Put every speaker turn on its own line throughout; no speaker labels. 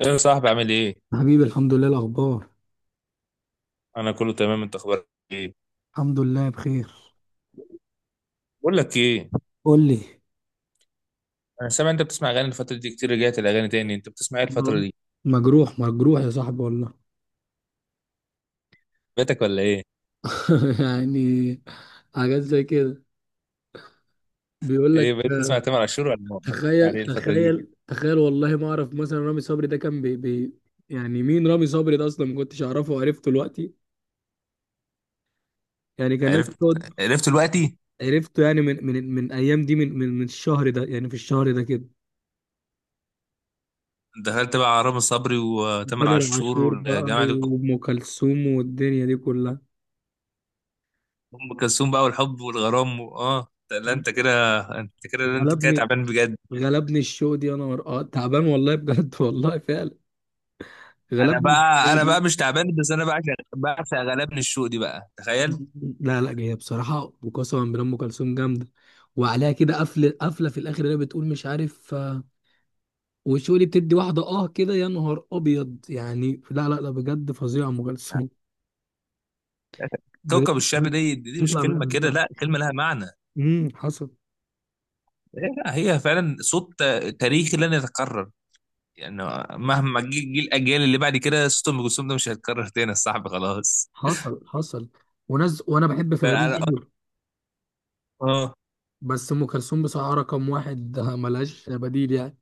ايه يا صاحبي عامل ايه؟
حبيبي، الحمد لله الأخبار.
انا كله تمام، انت اخبارك ايه؟
الحمد لله بخير.
بقول لك ايه؟
قول لي.
انا سامع انت بتسمع اغاني الفترة دي كتير، رجعت الاغاني تاني، انت بتسمع ايه الفترة
تمام.
دي؟
مجروح مجروح يا صاحبي والله.
بيتك ولا ايه؟
يعني حاجات زي كده. بيقول
ايه،
لك
بقيت تسمع
آه،
تامر عاشور ولا ولا بتسمع
تخيل
ايه الفترة دي؟
تخيل تخيل والله ما أعرف. مثلا رامي صبري ده كان بي بي يعني مين رامي صبري ده أصلا؟ ما كنتش أعرفه وعرفته دلوقتي. يعني كان الناس
عرفت،
بتقعد.
عرفت دلوقتي.
عرفته يعني من أيام دي، من الشهر ده، يعني في الشهر ده كده.
دخلت بقى على رامي صبري وتامر
تامر
عاشور
عاشور بقى
والجماعة دي.
وأم كلثوم والدنيا دي كلها.
ام كلثوم بقى والحب والغرام اه لا، انت كده، انت كده
غلبني،
تعبان بجد.
غلبني الشو دي، يا نهار اه. تعبان والله بجد. والله فعلا غلبني الشو
انا بقى
دي.
مش تعبان، بس انا بعشق، بعشق غلابن الشوق دي بقى، تخيل.
لا لا، جايه بصراحه، وقسما بالله ام كلثوم جامده. وعليها كده قفله قفله في الاخر، اللي هي بتقول مش عارف آه، والشو دي بتدي واحده اه كده، يا نهار ابيض. يعني لا لا لا بجد فظيعه ام كلثوم، بجد.
كوكب الشر دي، مش
بتطلع من
كلمة كده،
قلبها.
لا كلمة لها معنى.
حصل
لا، هي فعلا صوت تاريخي لن يتكرر، يعني مهما جه، الاجيال اللي بعد كده صوت ام كلثوم ده مش هيتكرر تاني يا صاحبي، خلاص.
حصل حصل. وناس، وانا بحب
ده
فيروز
انا
قوي،
اه
بس ام كلثوم بصراحه رقم واحد آه، ملهاش بديل يعني.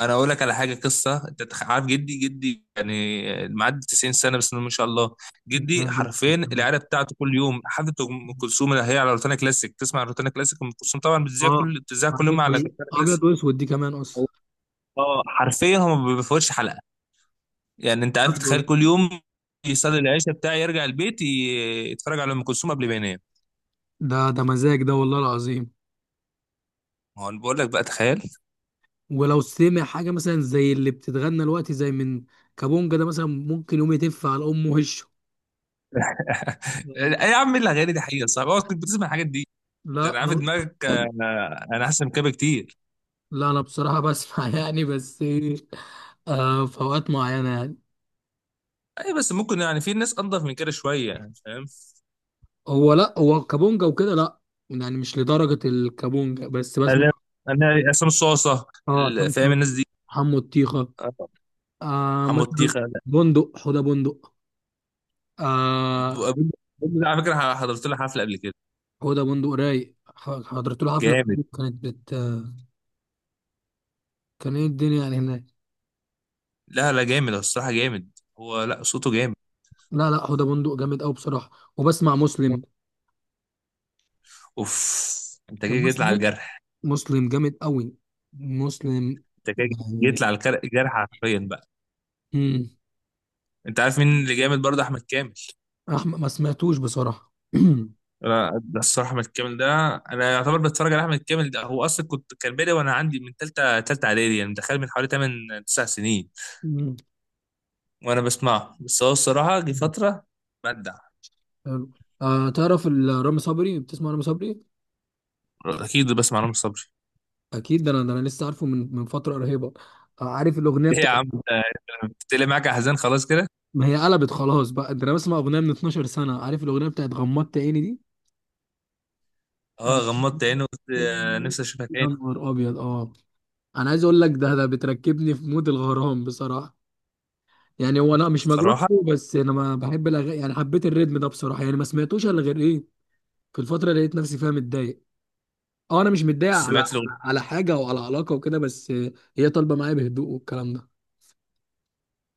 انا اقول لك على حاجه، قصه انت عارف جدي، يعني معدي 90 سنه بس ما شاء الله. جدي حرفيا العيله بتاعته كل يوم حفله ام كلثوم، اللي هي على روتانا كلاسيك، تسمع روتانا كلاسيك. ام كلثوم طبعا
اه،
بتذيع كل يوم
عندك
على روتانا
ابيض
كلاسيك.
واسود دي كمان اصلا.
اه، حرفيا هم ما بيفوتش حلقه. يعني انت عارف،
بجد
تخيل،
والله.
كل يوم يصلي العشاء بتاعي يرجع البيت يتفرج على ام كلثوم قبل ما ينام.
ده ده مزاج ده والله العظيم.
ما هو انا بقول لك بقى، تخيل.
ولو سمع حاجه مثلا زي اللي بتتغنى دلوقتي زي من كابونجا ده مثلا، ممكن يقوم يتف على امه وشه
ايه
يعني.
يا عم الاغاني دي حقيقه صعبه. اه، كنت بتسمع الحاجات دي؟ ده
لا
انا عارف
أنا-
دماغك. انا احسن من كده بكتير.
لا انا بصراحه بسمع، يعني بس آه في اوقات معينه يعني.
اي بس ممكن يعني في ناس انضف من كده شويه، يعني فاهم.
هو لا، هو كابونجا وكده لا، يعني مش لدرجه الكابونجا، بس بسمع.
انا انا عصام صاصه
اه، شمس،
فاهم الناس دي.
حمو الطيخه
اه،
آه
حمو
مثلا،
تيخه لا.
بندق، حوده بندق
ابو-
آه.
ابو ده على فكره حضرت له حفله قبل كده،
حوده بندق رايق، حضرت له حفله،
جامد.
كانت بت... كان ايه الدنيا يعني هناك.
لا لا، جامد، هو الصراحه جامد. هو لا، صوته جامد.
لا لا، حوده بندق جامد قوي بصراحه. وبسمع مسلم،
اوف، انت جاي، جيت لي على
مسلم،
الجرح.
مسلم جامد قوي، مسلم
انت كده
يعني.
جيت لي على الجرح حرفيا بقى.
امم
انت عارف مين اللي جامد برضه؟ احمد كامل.
احمد ما سمعتوش بصراحه.
انا ده الصراحه احمد كامل ده انا يعتبر بتفرج على احمد كامل ده، هو اصلا كان بادئ وانا عندي من ثالثه اعدادي، يعني دخل من حوالي 8 9 سنين
مم.
وانا بسمعه، بس هو الصراحه جه فتره بدع.
حلو. آه، تعرف رامي صبري، بتسمع رامي صبري؟
اكيد بسمع نور صبري.
اكيد، ده انا، ده انا لسه عارفه من فتره قريبه. آه عارف الاغنيه
ليه يا
بتاعت؟
عم انت، انت طلع معاك احزان خلاص كده.
ما هي قلبت خلاص بقى. ده انا بسمع اغنيه من 12 سنه. عارف الاغنيه بتاعت غمضت عيني دي؟
اه، غمضت عيني وقلت نفسي اشوفها
يا
تاني.
نهار ابيض اه. انا عايز اقول لك، ده ده بتركبني في مود الغرام بصراحه. يعني هو انا مش مجروح
الصراحه
قوي، بس انا ما بحب يعني حبيت الريتم ده بصراحه. يعني ما سمعتوش الا غير ايه في الفتره اللي لقيت نفسي فيها متضايق. اه انا مش متضايق على
سمعت الاغنيه.
حاجه او على علاقه وكده، بس هي طالبه معايا بهدوء والكلام ده.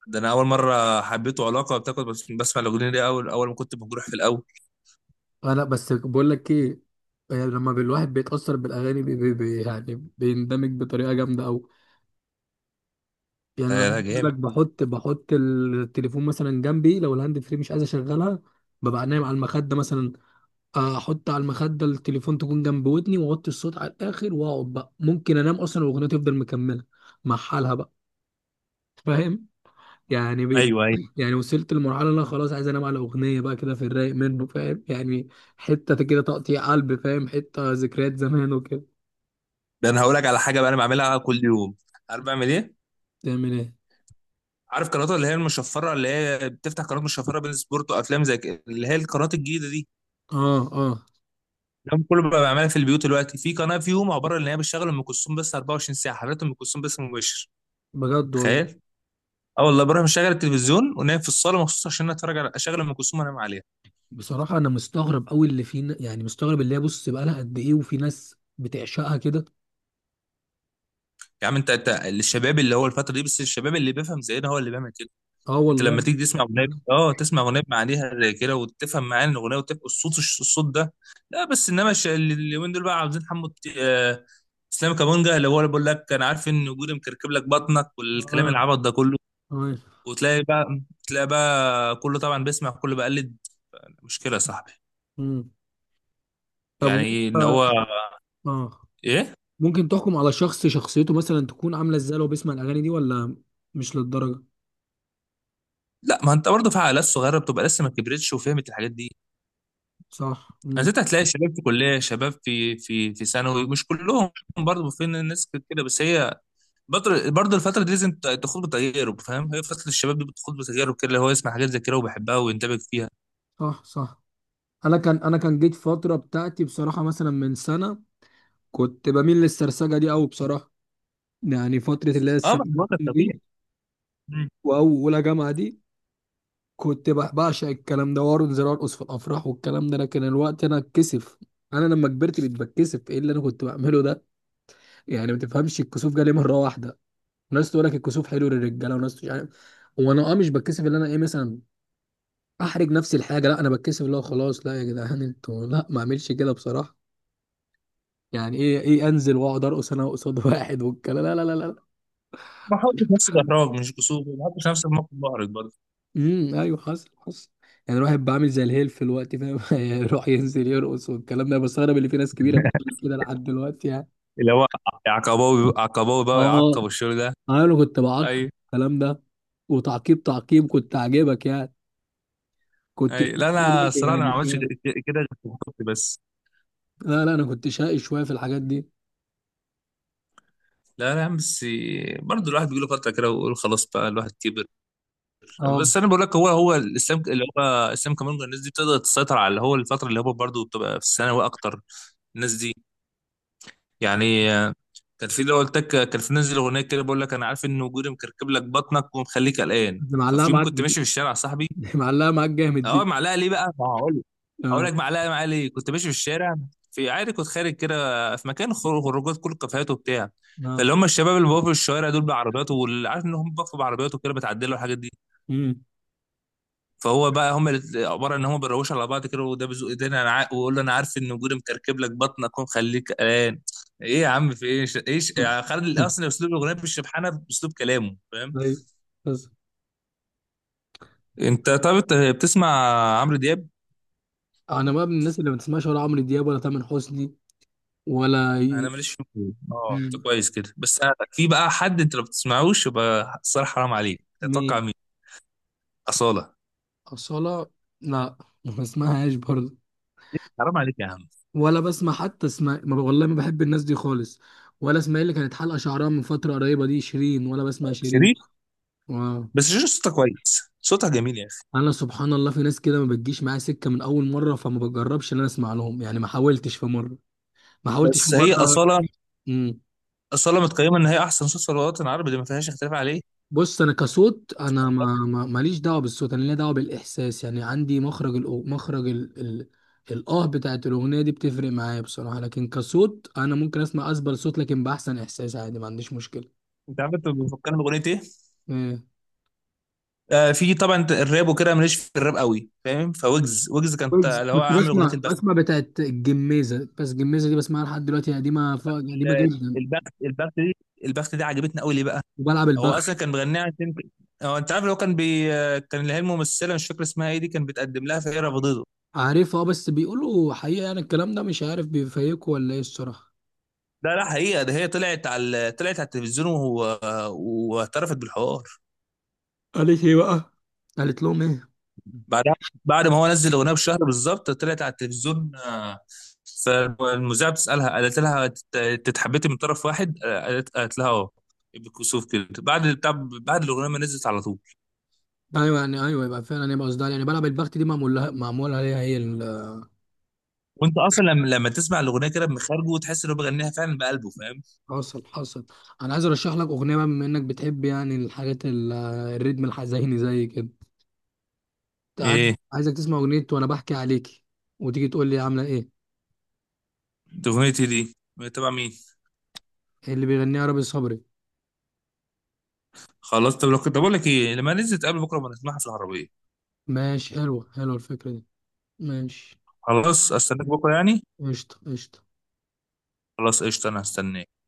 ده انا اول مره حبيته علاقه بتاخد بس بسمع الاغنيه دي اول، ما كنت مجروح في الاول.
انا بس بقول لك ايه. يعني لما الواحد بيتاثر بالاغاني بي بي بي يعني بيندمج بطريقه جامده قوي. يعني انا
آه
عايز
لا،
اقول
جامد.
لك، بحط التليفون مثلا جنبي، لو الهاند فري مش عايز اشغلها، ببقى نايم على المخده مثلا، احط على المخده التليفون تكون جنب ودني، واوطي الصوت على الاخر، واقعد بقى، ممكن انام اصلا والاغنيه تفضل مكمله مع حالها بقى. فاهم يعني؟
ايوه ايوه.
يعني وصلت لمرحله ان انا خلاص عايز انام على اغنيه بقى كده، في الرايق منه، فاهم يعني؟ حته كده تقطيع قلب، فاهم، حته ذكريات زمان وكده.
ده انا هقول لك على حاجه بقى انا بعملها كل يوم. عارف بعمل ايه؟
تعمل ايه؟
عارف قنوات اللي هي المشفره، اللي هي بتفتح قناه مشفره بين سبورت وافلام زي كده، اللي هي القنوات الجديده دي؟
اه، اه،
ده كله بقى بعملها في البيوت دلوقتي. في قناه فيهم عباره ان هي بتشغل ام كلثوم بس 24 ساعه، حضرتك، ام كلثوم بس مباشر.
بجد والله.
تخيل. اه والله، بروح مشغل التلفزيون ونايم في الصاله مخصوص عشان اتفرج على، اشغل ام كلثوم وانام عليها.
بصراحة أنا مستغرب أوي اللي فينا، يعني مستغرب اللي هي بص بقى لها قد إيه، وفي ناس بتعشقها كده.
يا عم انت، انت الشباب اللي هو الفتره دي بس الشباب اللي بيفهم زينا هو اللي بيعمل كده.
أه
انت لما
والله.
تيجي تسمع اغنيه، اه، تسمع اغنيه معانيها زي كده وتفهم معاني الاغنيه وتبقى الصوت، الصوت ده. لا بس انما اليومين دول بقى عاوزين حمو اسلام كابونجا اللي هو اللي بيقول لك انا عارف ان وجودي مكركب لك بطنك، والكلام
آه.
العبط ده كله.
آه.
وتلاقي بقى، تلاقي بقى كله طبعا بيسمع، كله بقلد. مشكله يا صاحبي،
مم. طب.
يعني ان
آه.
هو،
آه.
ايه.
ممكن تحكم على شخص شخصيته مثلا تكون عاملة إزاي لو بيسمع الأغاني دي ولا مش للدرجة؟
لا، ما انت برضه في عائلات صغيره بتبقى لسه ما كبرتش وفهمت الحاجات دي.
صح.
انا
مم.
ست، هتلاقي شباب في كليه، شباب في ثانوي، مش كلهم برضه، في ناس كده، بس هي برضه الفتره دي لازم تخوض بتجارب، فاهم، هي فتره الشباب دي بتخوض بتجارب كده، اللي هو يسمع حاجات زي كده وبيحبها ويندمج فيها.
صح صح. أنا كان جيت فترة بتاعتي بصراحة مثلا من سنة، كنت بميل للسرسجة دي أوي بصراحة. يعني فترة اللي هي
اه، ما أنا
الثانوية
بقول لك
دي
طبيعي. مم.
وأولى جامعة دي، كنت بعشق الكلام ده، وارون زي ارقص في الافراح والكلام ده. لكن الوقت انا اتكسف. انا لما كبرت بقيت بتكسف ايه اللي انا كنت بعمله ده. يعني ما تفهمش، الكسوف جالي مره واحده. ناس تقول لك الكسوف حلو للرجاله، وناس مش عارف. وانا اه مش بتكسف اللي انا ايه مثلا احرج نفسي الحاجه، لا. انا بتكسف اللي هو خلاص، لا يا جدعان، انتوا لا، ما اعملش كده بصراحه. يعني ايه ايه انزل واقعد ارقص انا قصاد واحد والكلام؟ لا لا لا،
ما حطش نفس
لا.
الاحراج، مش قصور، ما حطش نفس الموقف محرج برضه.
ايوه، حصل حصل. يعني الواحد بعمل زي الهيل في الوقت، فاهم؟ يروح ينزل يرقص والكلام ده. بستغرب اللي في ناس كبيره بتعمل كده لحد دلوقتي يعني.
اللي هو عقباوي، بقى
اه
يعقب والشغل ده.
انا كنت بعقب
اي،
الكلام ده، وتعقيب تعقيب كنت عاجبك يعني. كنت
اي،
شقي
لا انا
برضه
الصراحه، أنا ما
يعني
عملتش
شوية.
كده غير في الخط بس.
لا لا، انا كنت شقي شويه في الحاجات دي.
لا لا يا عم، بس برضه الواحد بيجي له فتره كده ويقول خلاص بقى، الواحد كبر.
اه،
بس انا بقول لك، هو الاسلام اللي هو، اسلام كامونجا، الناس دي بتقدر تسيطر على اللي هو الفتره اللي هو برضه بتبقى في الثانوي اكتر الناس دي. يعني كان في اللي هو قلت لك، كان في نازل اغنيه كده بقول لك انا عارف ان وجودي مكركب لك بطنك ومخليك قلقان،
معلقه
ففي يوم
معاك
كنت ماشي
جديد.
في الشارع يا صاحبي.
معلقه معاك جامد
اه،
دي.
معلقه ليه بقى، ما هقول لك. هقول
اه،
لك معلقه معايا ليه. كنت ماشي في الشارع في، عادي، كنت خارج كده في مكان خروجات، كل الكافيهات وبتاع.
اه،
فاللي هم الشباب اللي بقوا في الشوارع دول بعربيات، واللي عارف ان هم بقوا بعربيات وكده بتعدلوا الحاجات دي.
امم
فهو بقى هم عباره ان هم بيروشوا على بعض كده، وده بيزق ايدينا انا ويقول له انا عارف ان وجودي مكركب لك بطنك ومخليك قلقان. ايه يا عم، في ايه، ايش يعني، خالد اصلا اسلوب الاغنيه بالشبحانه باسلوب كلامه، فاهم.
طيب، بس
انت طب انت بتسمع عمرو دياب؟
انا بقى من الناس اللي ما بتسمعش ولا عمرو دياب ولا تامر حسني، ولا
انا ماليش فيه. اه، انت كويس كده. بس في بقى حد انت لو بتسمعوش يبقى الصراحه حرام عليك، تتوقع
مين؟
مين؟ اصاله.
أصالة؟ لا، ما بسمعهاش برضه.
حرام عليك يا عم.
ولا بسمع حتى اسماء والله ما بحب الناس دي خالص. ولا اسماء اللي كانت حلقة شعرها من فترة قريبة دي. شيرين؟ ولا بسمع شيرين.
شيرين،
واو.
بس شيرين صوتها كويس، صوتها جميل يا اخي.
أنا سبحان الله، في ناس كده ما بتجيش معايا سكة من أول مرة، فما بجربش إن أنا أسمع لهم يعني. ما حاولتش في مرة، ما حاولتش في
بس هي
مرة.
اصاله،
مم.
اصاله متقيمه ان هي احسن صوت في الوطن العربي دي، ما فيهاش اختلاف عليه.
بص، انا كصوت انا ماليش دعوه بالصوت، انا ليا دعوه بالاحساس. يعني عندي مخرج مخرج الاه بتاعت الاغنيه دي بتفرق معايا بصراحه. لكن كصوت انا ممكن اسمع اسبل صوت لكن باحسن احساس، عادي، ما عنديش مشكله.
انت عارف انت بتفكرني باغنيه ايه؟
إيه.
آه، في طبعا، انت الراب وكده ماليش في الراب قوي، فاهم، فويجز، ويجز كان
كنت
اللي هو
كنت
عامل اغنيه
بسمع
البخت.
بسمع بتاعت الجميزه. بس الجميزه دي بسمعها لحد دلوقتي، قديمه قديمه
ال-
جدا.
البخت دي، البخت دي عجبتني قوي ليه بقى؟
وبلعب
هو
البخ.
اصلا كان مغنيها عشان، هو انت عارف اللي هو كان بي آه، كان اللي هي الممثله، مش فاكر اسمها ايه دي، كان بيتقدم لها فهي رفضته.
عارفها آه، بس بيقولوا حقيقه يعني الكلام ده، مش عارف بيفيقوا ولا ايه الصراحه.
لا لا، حقيقه، ده هي طلعت على طلعت على التلفزيون واعترفت بالحوار
قالت ايه بقى؟ قالت لهم ايه؟
بعدها. بعد ما هو نزل الاغنيه بشهر بالظبط طلعت على التلفزيون. فالمذيعه بتسالها قالت لها: تتحبتي من طرف واحد؟" قالت، لها اه، بالكسوف كده، بعد بتاع، بعد الاغنيه ما نزلت على طول.
ايوه، يعني ايوه، يبقى فعلا، يبقى قصدها يعني بلعب البخت دي معمول لها، معمول عليها هي
وانت اصلا لما، لما تسمع الاغنيه كده بمخارجه وتحس ان هو بيغنيها فعلا بقلبه، فاهم.
حصل حصل. انا عايز ارشح لك اغنيه بقى، بما انك بتحب يعني الحاجات الريتم الحزيني زي كده. أنت عايز-
ايه
عايزك تسمع اغنيه وانا بحكي عليكي، وتيجي تقول لي عامله ايه.
دي اغنيتي، دي تبع مين؟
إيه؟ اللي بيغنيها رامي صبري.
خلاص طب، لو كنت بقول لك ايه، لما نزلت قبل بكره، ما نسمعها في العربيه.
ماشي، حلوه حلوه الفكره دي، ماشي.
خلاص، استناك بكره يعني.
قشطه قشطه.
خلاص قشطه، انا هستناك.